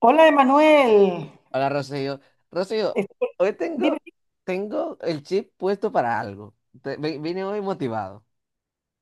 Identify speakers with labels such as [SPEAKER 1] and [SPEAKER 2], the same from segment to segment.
[SPEAKER 1] Hola, Emanuel.
[SPEAKER 2] Hola, Rocío. Rocío,
[SPEAKER 1] Estoy-
[SPEAKER 2] hoy tengo,
[SPEAKER 1] Dime,
[SPEAKER 2] tengo el chip puesto para algo. Vine hoy motivado.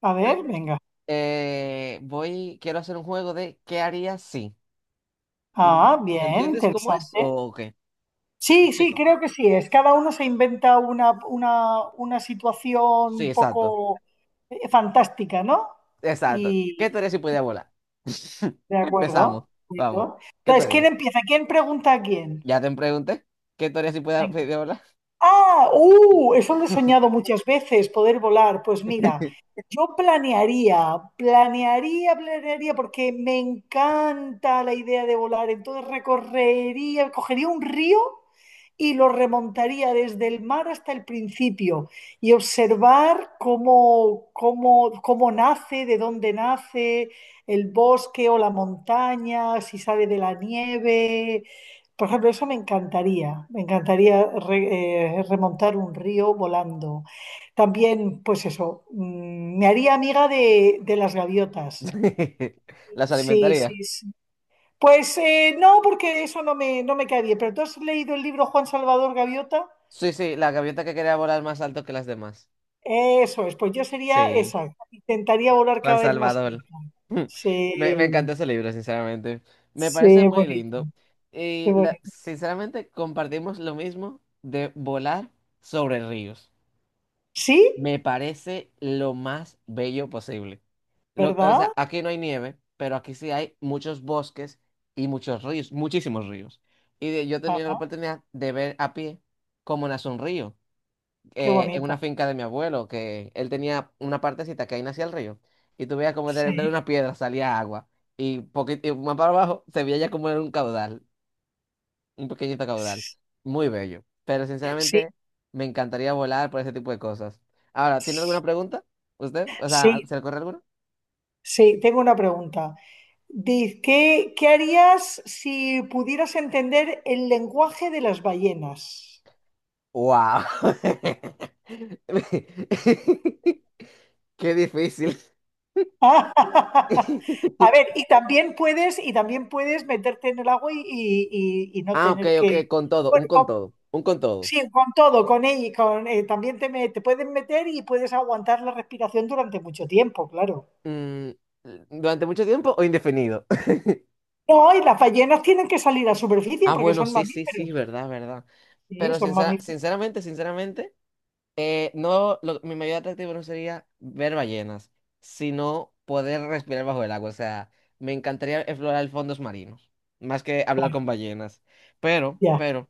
[SPEAKER 1] a ver, venga.
[SPEAKER 2] Quiero hacer un juego de ¿qué harías si? Mm,
[SPEAKER 1] Ah, bien,
[SPEAKER 2] ¿Entiendes cómo es
[SPEAKER 1] interesante.
[SPEAKER 2] o qué? ¿Me
[SPEAKER 1] Sí, sí,
[SPEAKER 2] explico?
[SPEAKER 1] creo que sí es. Cada uno se inventa una situación
[SPEAKER 2] Sí,
[SPEAKER 1] un
[SPEAKER 2] exacto.
[SPEAKER 1] poco fantástica, ¿no?
[SPEAKER 2] Exacto.
[SPEAKER 1] Y
[SPEAKER 2] ¿Qué te harías si pudiera volar?
[SPEAKER 1] de acuerdo,
[SPEAKER 2] Empezamos.
[SPEAKER 1] de
[SPEAKER 2] Vamos.
[SPEAKER 1] acuerdo.
[SPEAKER 2] ¿Qué te
[SPEAKER 1] Entonces, ¿quién
[SPEAKER 2] harías?
[SPEAKER 1] empieza? ¿Quién pregunta a quién?
[SPEAKER 2] Ya te pregunté. ¿Qué te harías si pudiera volar?
[SPEAKER 1] Eso lo he soñado muchas veces, poder volar. Pues
[SPEAKER 2] Sí.
[SPEAKER 1] mira, yo planearía, planearía, planearía, porque me encanta la idea de volar. Entonces recorrería, cogería un río y lo remontaría desde el mar hasta el principio y observar cómo nace, de dónde nace el bosque o la montaña, si sale de la nieve. Por ejemplo, eso me encantaría remontar un río volando. También, pues eso, me haría amiga de las gaviotas.
[SPEAKER 2] ¿Las
[SPEAKER 1] Sí,
[SPEAKER 2] alimentaría?
[SPEAKER 1] sí, sí. Pues no, porque eso no me cae bien. Pero tú has leído el libro Juan Salvador Gaviota.
[SPEAKER 2] Sí, sí, la gaviota que quería volar más alto que las demás.
[SPEAKER 1] Eso es, pues yo sería
[SPEAKER 2] Sí,
[SPEAKER 1] esa. Intentaría volar
[SPEAKER 2] Juan
[SPEAKER 1] cada vez más
[SPEAKER 2] Salvador.
[SPEAKER 1] cerca.
[SPEAKER 2] Mm. Me encantó
[SPEAKER 1] Sí,
[SPEAKER 2] ese libro, sinceramente. Me parece
[SPEAKER 1] sí,
[SPEAKER 2] muy
[SPEAKER 1] bonito,
[SPEAKER 2] lindo.
[SPEAKER 1] qué bonito.
[SPEAKER 2] Sinceramente compartimos lo mismo de volar sobre ríos.
[SPEAKER 1] Sí,
[SPEAKER 2] Me parece lo más bello posible. O sea,
[SPEAKER 1] ¿verdad?
[SPEAKER 2] aquí no hay nieve, pero aquí sí hay muchos bosques y muchos ríos, muchísimos ríos. Yo he tenido la
[SPEAKER 1] Ah,
[SPEAKER 2] oportunidad de ver a pie cómo nace un río
[SPEAKER 1] qué
[SPEAKER 2] en
[SPEAKER 1] bonita.
[SPEAKER 2] una finca de mi abuelo, que él tenía una partecita que ahí nacía el río, y tú veías como de
[SPEAKER 1] Sí,
[SPEAKER 2] una piedra salía agua, y, poquito, y más para abajo se veía ya como era un caudal, un pequeñito caudal,
[SPEAKER 1] sí,
[SPEAKER 2] muy bello, pero
[SPEAKER 1] sí.
[SPEAKER 2] sinceramente me encantaría volar por ese tipo de cosas. Ahora, ¿tiene alguna pregunta? ¿Usted? O sea,
[SPEAKER 1] Sí,
[SPEAKER 2] ¿se le ocurre alguna?
[SPEAKER 1] sí, tengo una pregunta. Diz, ¿qué harías si pudieras entender el lenguaje de las ballenas?
[SPEAKER 2] ¡Wow! ¡Qué difícil!
[SPEAKER 1] A ver, y también puedes meterte en el agua y no
[SPEAKER 2] Ah, ok,
[SPEAKER 1] tener
[SPEAKER 2] ok,
[SPEAKER 1] que.
[SPEAKER 2] con todo,
[SPEAKER 1] Bueno,
[SPEAKER 2] un con todo, un con todo.
[SPEAKER 1] sí, con todo, con ella, con, también te pueden meter y puedes aguantar la respiración durante mucho tiempo, claro.
[SPEAKER 2] Mm, ¿Durante mucho tiempo o indefinido?
[SPEAKER 1] No, y las ballenas tienen que salir a superficie
[SPEAKER 2] Ah,
[SPEAKER 1] porque
[SPEAKER 2] bueno,
[SPEAKER 1] son
[SPEAKER 2] sí, sí, sí,
[SPEAKER 1] mamíferos.
[SPEAKER 2] verdad, verdad.
[SPEAKER 1] Sí,
[SPEAKER 2] Pero
[SPEAKER 1] son mamíferos,
[SPEAKER 2] sinceramente, sinceramente, no, lo- mi mayor atractivo no sería ver ballenas, sino poder respirar bajo el agua. O sea, me encantaría explorar fondos marinos, más que hablar
[SPEAKER 1] claro.
[SPEAKER 2] con ballenas. Pero,
[SPEAKER 1] Ya,
[SPEAKER 2] pero,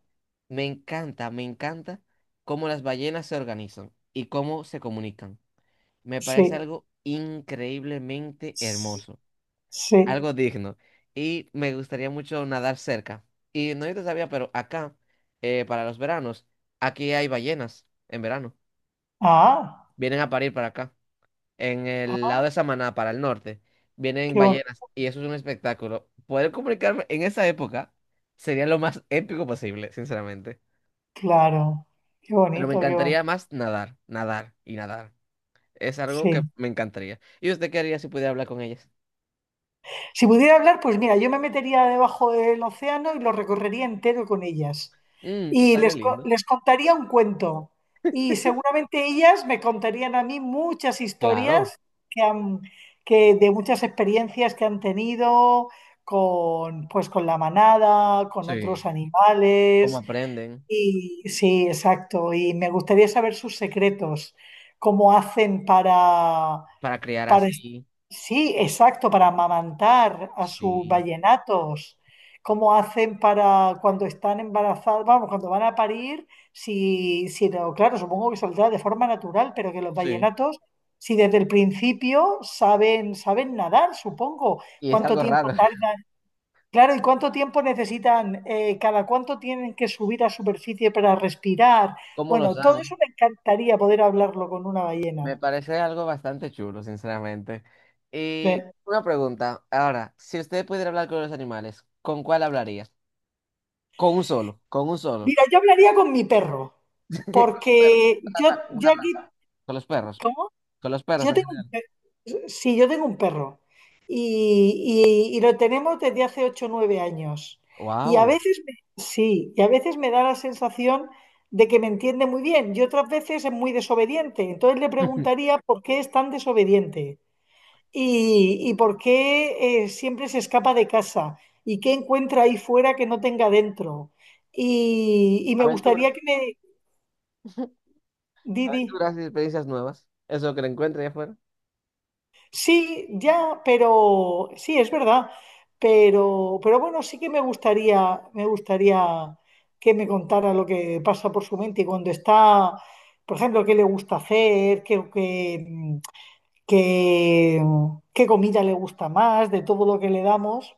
[SPEAKER 2] me encanta cómo las ballenas se organizan y cómo se comunican. Me parece
[SPEAKER 1] sí,
[SPEAKER 2] algo increíblemente hermoso.
[SPEAKER 1] sí.
[SPEAKER 2] Algo digno. Y me gustaría mucho nadar cerca. Y no yo te sabía, pero acá, para los veranos, aquí hay ballenas en verano.
[SPEAKER 1] Ah,
[SPEAKER 2] Vienen a parir para acá. En el
[SPEAKER 1] ah,
[SPEAKER 2] lado de Samaná, para el norte, vienen
[SPEAKER 1] qué bonito,
[SPEAKER 2] ballenas. Y eso es un espectáculo. Poder comunicarme en esa época sería lo más épico posible, sinceramente.
[SPEAKER 1] claro, qué
[SPEAKER 2] Pero me
[SPEAKER 1] bonito, qué bonito.
[SPEAKER 2] encantaría más nadar, nadar y nadar. Es algo que
[SPEAKER 1] Sí.
[SPEAKER 2] me encantaría. ¿Y usted qué haría si pudiera hablar con ellas?
[SPEAKER 1] Si pudiera hablar, pues mira, yo me metería debajo del océano y lo recorrería entero con ellas.
[SPEAKER 2] Mm,
[SPEAKER 1] Y
[SPEAKER 2] estaría lindo.
[SPEAKER 1] les contaría un cuento. Y seguramente ellas me contarían a mí muchas
[SPEAKER 2] Claro.
[SPEAKER 1] historias que han, que de muchas experiencias que han tenido con, pues, con la manada, con
[SPEAKER 2] Sí.
[SPEAKER 1] otros
[SPEAKER 2] ¿Cómo
[SPEAKER 1] animales.
[SPEAKER 2] aprenden?
[SPEAKER 1] Y sí, exacto. Y me gustaría saber sus secretos, cómo hacen para,
[SPEAKER 2] Para crear
[SPEAKER 1] para,
[SPEAKER 2] así.
[SPEAKER 1] sí, exacto, para amamantar a sus
[SPEAKER 2] Sí,
[SPEAKER 1] vallenatos, cómo hacen para cuando están embarazados, vamos, cuando van a parir, si, si lo- claro, supongo que saldrá de forma natural, pero que los
[SPEAKER 2] sí.
[SPEAKER 1] vallenatos, si desde el principio saben, saben nadar, supongo,
[SPEAKER 2] Y es
[SPEAKER 1] cuánto
[SPEAKER 2] algo
[SPEAKER 1] tiempo.
[SPEAKER 2] raro.
[SPEAKER 1] Claro, ¿y cuánto tiempo necesitan? ¿Cada cuánto tienen que subir a superficie para respirar?
[SPEAKER 2] ¿Cómo lo
[SPEAKER 1] Bueno, todo
[SPEAKER 2] saben?
[SPEAKER 1] eso me encantaría poder hablarlo con una ballena.
[SPEAKER 2] Me parece algo bastante chulo, sinceramente.
[SPEAKER 1] Sí.
[SPEAKER 2] Y una pregunta. Ahora, si usted pudiera hablar con los animales, ¿con cuál hablaría? Con un solo, con un solo.
[SPEAKER 1] Mira, yo hablaría con mi perro,
[SPEAKER 2] Con los perros,
[SPEAKER 1] porque
[SPEAKER 2] con la
[SPEAKER 1] yo,
[SPEAKER 2] raza, con una
[SPEAKER 1] yo aquí...
[SPEAKER 2] raza. Con los perros,
[SPEAKER 1] ¿Cómo?
[SPEAKER 2] con los perros
[SPEAKER 1] Yo
[SPEAKER 2] en
[SPEAKER 1] tengo un
[SPEAKER 2] general.
[SPEAKER 1] sí, yo tengo un perro y y- lo tenemos desde hace 8 o 9 años. Y a
[SPEAKER 2] Wow.
[SPEAKER 1] veces sí, y a veces me da la sensación de que me entiende muy bien y otras veces es muy desobediente. Entonces le preguntaría por qué es tan desobediente y por qué siempre se escapa de casa y qué encuentra ahí fuera que no tenga dentro. Y me
[SPEAKER 2] Aventuras,
[SPEAKER 1] gustaría que me... Didi.
[SPEAKER 2] aventuras y experiencias nuevas. Eso que le encuentre allá afuera.
[SPEAKER 1] Sí, ya, pero sí, es verdad. Pero bueno, sí que me gustaría que me contara lo que pasa por su mente y cuando está, por ejemplo, qué le gusta hacer, qué, qué comida le gusta más, de todo lo que le damos,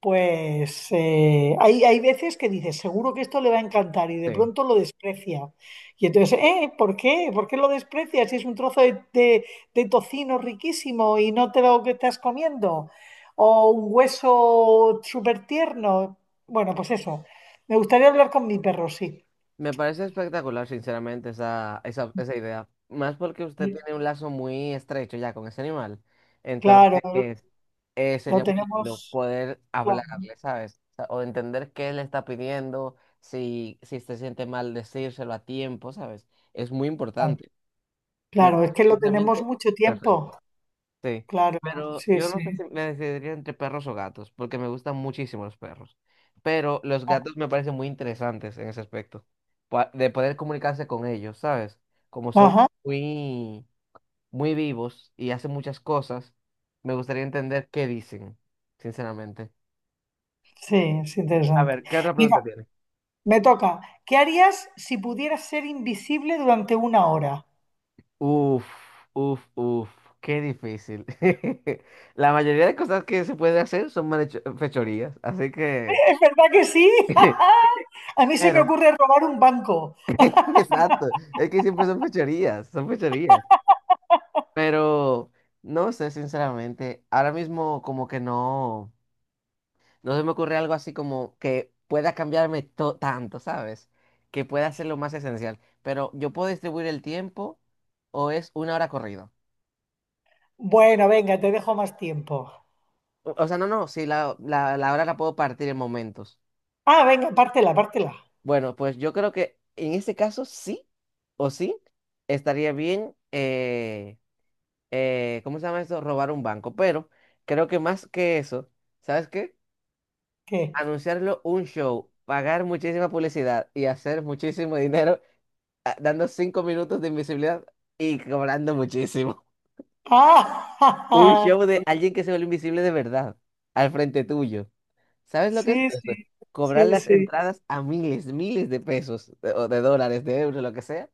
[SPEAKER 1] pues hay veces que dices, seguro que esto le va a encantar y de
[SPEAKER 2] Sí.
[SPEAKER 1] pronto lo desprecia. Y entonces, ¿eh? ¿Por qué? ¿Por qué lo desprecias si es un trozo de tocino riquísimo y no te lo que estás comiendo? O un hueso súper tierno. Bueno, pues eso. Me gustaría hablar con mi perro, sí.
[SPEAKER 2] Me parece espectacular, sinceramente, esa idea. Más porque usted
[SPEAKER 1] Eh,
[SPEAKER 2] tiene un lazo muy estrecho ya con ese animal.
[SPEAKER 1] claro,
[SPEAKER 2] Entonces,
[SPEAKER 1] lo
[SPEAKER 2] sería muy lindo
[SPEAKER 1] tenemos,
[SPEAKER 2] poder
[SPEAKER 1] claro,
[SPEAKER 2] hablarle, ¿sabes? O sea, o entender qué le está pidiendo, si se siente mal decírselo a tiempo, ¿sabes? Es muy
[SPEAKER 1] claro,
[SPEAKER 2] importante. Me
[SPEAKER 1] claro,
[SPEAKER 2] parece,
[SPEAKER 1] es que lo tenemos
[SPEAKER 2] sinceramente,
[SPEAKER 1] mucho tiempo.
[SPEAKER 2] perfecto. Sí,
[SPEAKER 1] Claro,
[SPEAKER 2] pero
[SPEAKER 1] sí,
[SPEAKER 2] yo
[SPEAKER 1] sí.
[SPEAKER 2] no sé si me decidiría entre perros o gatos, porque me gustan muchísimo los perros. Pero los gatos me parecen muy interesantes en ese aspecto, de poder comunicarse con ellos, ¿sabes? Como son
[SPEAKER 1] Ajá,
[SPEAKER 2] muy, muy vivos y hacen muchas cosas, me gustaría entender qué dicen, sinceramente.
[SPEAKER 1] sí, es
[SPEAKER 2] A
[SPEAKER 1] interesante.
[SPEAKER 2] ver, ¿qué otra
[SPEAKER 1] Mira,
[SPEAKER 2] pregunta tiene?
[SPEAKER 1] me toca. ¿Qué harías si pudieras ser invisible durante una hora?
[SPEAKER 2] Uf, uf, qué difícil. La mayoría de cosas que se pueden hacer son fechorías, así que...
[SPEAKER 1] ¿Es verdad que sí? A mí se me
[SPEAKER 2] Pero...
[SPEAKER 1] ocurre robar un banco.
[SPEAKER 2] Exacto, es que siempre son fechorías, son fechorías. Pero no sé, sinceramente, ahora mismo como que no se me ocurre algo así como que pueda cambiarme tanto, ¿sabes? Que pueda ser lo más esencial. Pero yo puedo distribuir el tiempo o es una hora corrida.
[SPEAKER 1] Bueno, venga, te dejo más tiempo.
[SPEAKER 2] O sea, no, no, sí, la hora la puedo partir en momentos.
[SPEAKER 1] Ah, venga, pártela, pártela.
[SPEAKER 2] Bueno, pues yo creo que en ese caso sí o sí estaría bien ¿cómo se llama eso? Robar un banco. Pero creo que más que eso, ¿sabes qué?
[SPEAKER 1] ¿Qué?
[SPEAKER 2] Anunciarlo un show, pagar muchísima publicidad y hacer muchísimo dinero dando 5 minutos de invisibilidad y cobrando muchísimo. Un
[SPEAKER 1] Ah,
[SPEAKER 2] show de alguien que se vuelve invisible de verdad al frente tuyo. ¿Sabes lo que es
[SPEAKER 1] sí, sí,
[SPEAKER 2] eso? Cobrar
[SPEAKER 1] sí,
[SPEAKER 2] las
[SPEAKER 1] sí,
[SPEAKER 2] entradas a miles, miles de pesos o de dólares, de euros, lo que sea.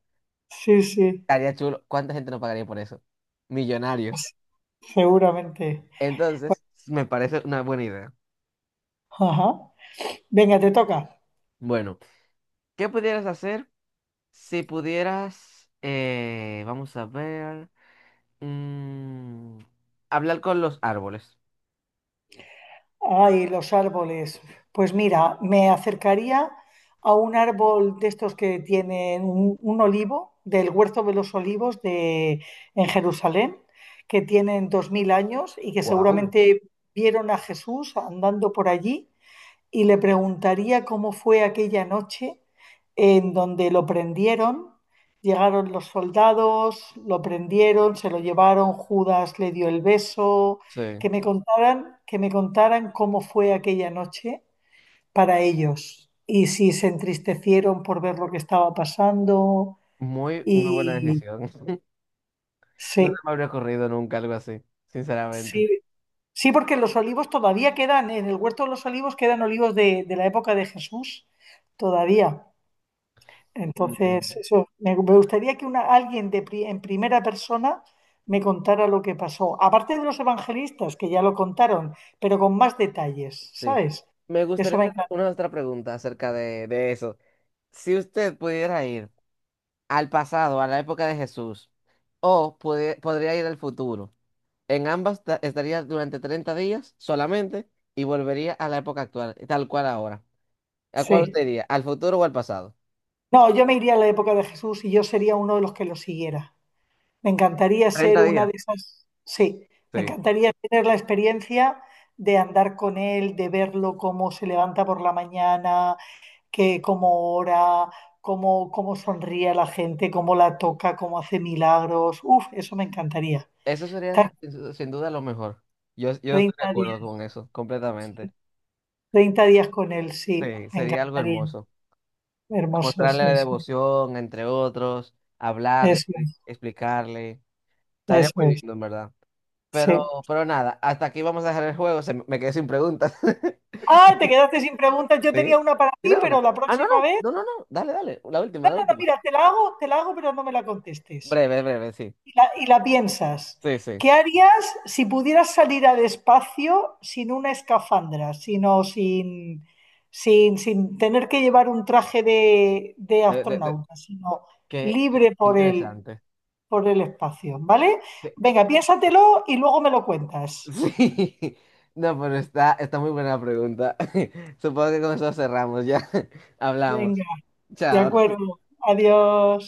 [SPEAKER 1] sí, sí,
[SPEAKER 2] Estaría chulo. ¿Cuánta gente no pagaría por eso? Millonarios.
[SPEAKER 1] pues seguramente.
[SPEAKER 2] Entonces, me parece una buena idea.
[SPEAKER 1] Ajá. Venga, te toca.
[SPEAKER 2] Bueno. ¿Qué pudieras hacer si pudieras, vamos a ver, mm, hablar con los árboles?
[SPEAKER 1] Ay, los árboles. Pues mira, me acercaría a un árbol de estos que tienen un olivo, del Huerto de los Olivos en Jerusalén, que tienen 2000 años y que
[SPEAKER 2] Wow.
[SPEAKER 1] seguramente vieron a Jesús andando por allí y le preguntaría cómo fue aquella noche en donde lo prendieron. Llegaron los soldados, lo prendieron, se lo llevaron, Judas le dio el beso,
[SPEAKER 2] Sí,
[SPEAKER 1] que me contaran cómo fue aquella noche para ellos y si se entristecieron por ver lo que estaba pasando
[SPEAKER 2] muy buena
[SPEAKER 1] y
[SPEAKER 2] decisión. No se
[SPEAKER 1] sí,
[SPEAKER 2] me habría ocurrido nunca algo así, sinceramente.
[SPEAKER 1] sí, sí, porque los olivos todavía quedan, en el huerto de los olivos quedan olivos de la época de Jesús, todavía.
[SPEAKER 2] Mm,
[SPEAKER 1] Entonces, eso, me gustaría que alguien de en primera persona me contara lo que pasó. Aparte de los evangelistas, que ya lo contaron, pero con más detalles,
[SPEAKER 2] sí.
[SPEAKER 1] ¿sabes?
[SPEAKER 2] Me
[SPEAKER 1] Eso
[SPEAKER 2] gustaría
[SPEAKER 1] me
[SPEAKER 2] hacer
[SPEAKER 1] encanta.
[SPEAKER 2] una otra pregunta acerca de eso. Si usted pudiera ir al pasado, a la época de Jesús, o podría ir al futuro. En ambas estaría durante 30 días solamente y volvería a la época actual, tal cual ahora. ¿A cuál usted
[SPEAKER 1] Sí.
[SPEAKER 2] iría? ¿Al futuro o al pasado?
[SPEAKER 1] No, yo me iría a la época de Jesús y yo sería uno de los que lo siguiera. Me encantaría ser
[SPEAKER 2] treinta
[SPEAKER 1] una
[SPEAKER 2] días.
[SPEAKER 1] de esas. Sí, me
[SPEAKER 2] Sí.
[SPEAKER 1] encantaría tener la experiencia de andar con él, de verlo cómo se levanta por la mañana, que cómo ora, cómo sonríe a la gente, cómo la toca, cómo hace milagros. Uf, eso me encantaría.
[SPEAKER 2] Eso
[SPEAKER 1] Estar
[SPEAKER 2] sería sin duda lo mejor. Yo estoy de
[SPEAKER 1] 30
[SPEAKER 2] acuerdo con
[SPEAKER 1] días,
[SPEAKER 2] eso, completamente.
[SPEAKER 1] treinta días con él, sí,
[SPEAKER 2] Sí,
[SPEAKER 1] me
[SPEAKER 2] sería algo
[SPEAKER 1] encantaría.
[SPEAKER 2] hermoso.
[SPEAKER 1] Hermoso,
[SPEAKER 2] Mostrarle la
[SPEAKER 1] sí, sí.
[SPEAKER 2] devoción, entre otros, hablarle,
[SPEAKER 1] Eso es,
[SPEAKER 2] explicarle. Estaría muy
[SPEAKER 1] eso es,
[SPEAKER 2] lindo, en verdad.
[SPEAKER 1] sí.
[SPEAKER 2] Nada, hasta aquí vamos a dejar el juego. Se me quedé sin preguntas.
[SPEAKER 1] Ah, te quedaste sin preguntas. Yo tenía
[SPEAKER 2] Sí.
[SPEAKER 1] una para ti,
[SPEAKER 2] ¿Tienes
[SPEAKER 1] pero
[SPEAKER 2] una?
[SPEAKER 1] la
[SPEAKER 2] Ah,
[SPEAKER 1] próxima vez,
[SPEAKER 2] no. Dale, dale. La última,
[SPEAKER 1] bueno,
[SPEAKER 2] la última.
[SPEAKER 1] mira, te la hago, pero no me la contestes.
[SPEAKER 2] Breve, breve, sí.
[SPEAKER 1] Y la, y la piensas.
[SPEAKER 2] Sí, sí.
[SPEAKER 1] ¿Qué harías si pudieras salir al espacio sin una escafandra, sino sin tener que llevar un traje de
[SPEAKER 2] De- de- de-
[SPEAKER 1] astronauta, sino
[SPEAKER 2] Qué
[SPEAKER 1] libre
[SPEAKER 2] interesante.
[SPEAKER 1] por el espacio? ¿Vale?
[SPEAKER 2] Qué-
[SPEAKER 1] Venga, piénsatelo y luego me lo cuentas.
[SPEAKER 2] Sí. No, pero está muy buena la pregunta. Supongo que con eso cerramos ya. Hablamos.
[SPEAKER 1] Venga, de
[SPEAKER 2] Chao.
[SPEAKER 1] acuerdo. Adiós.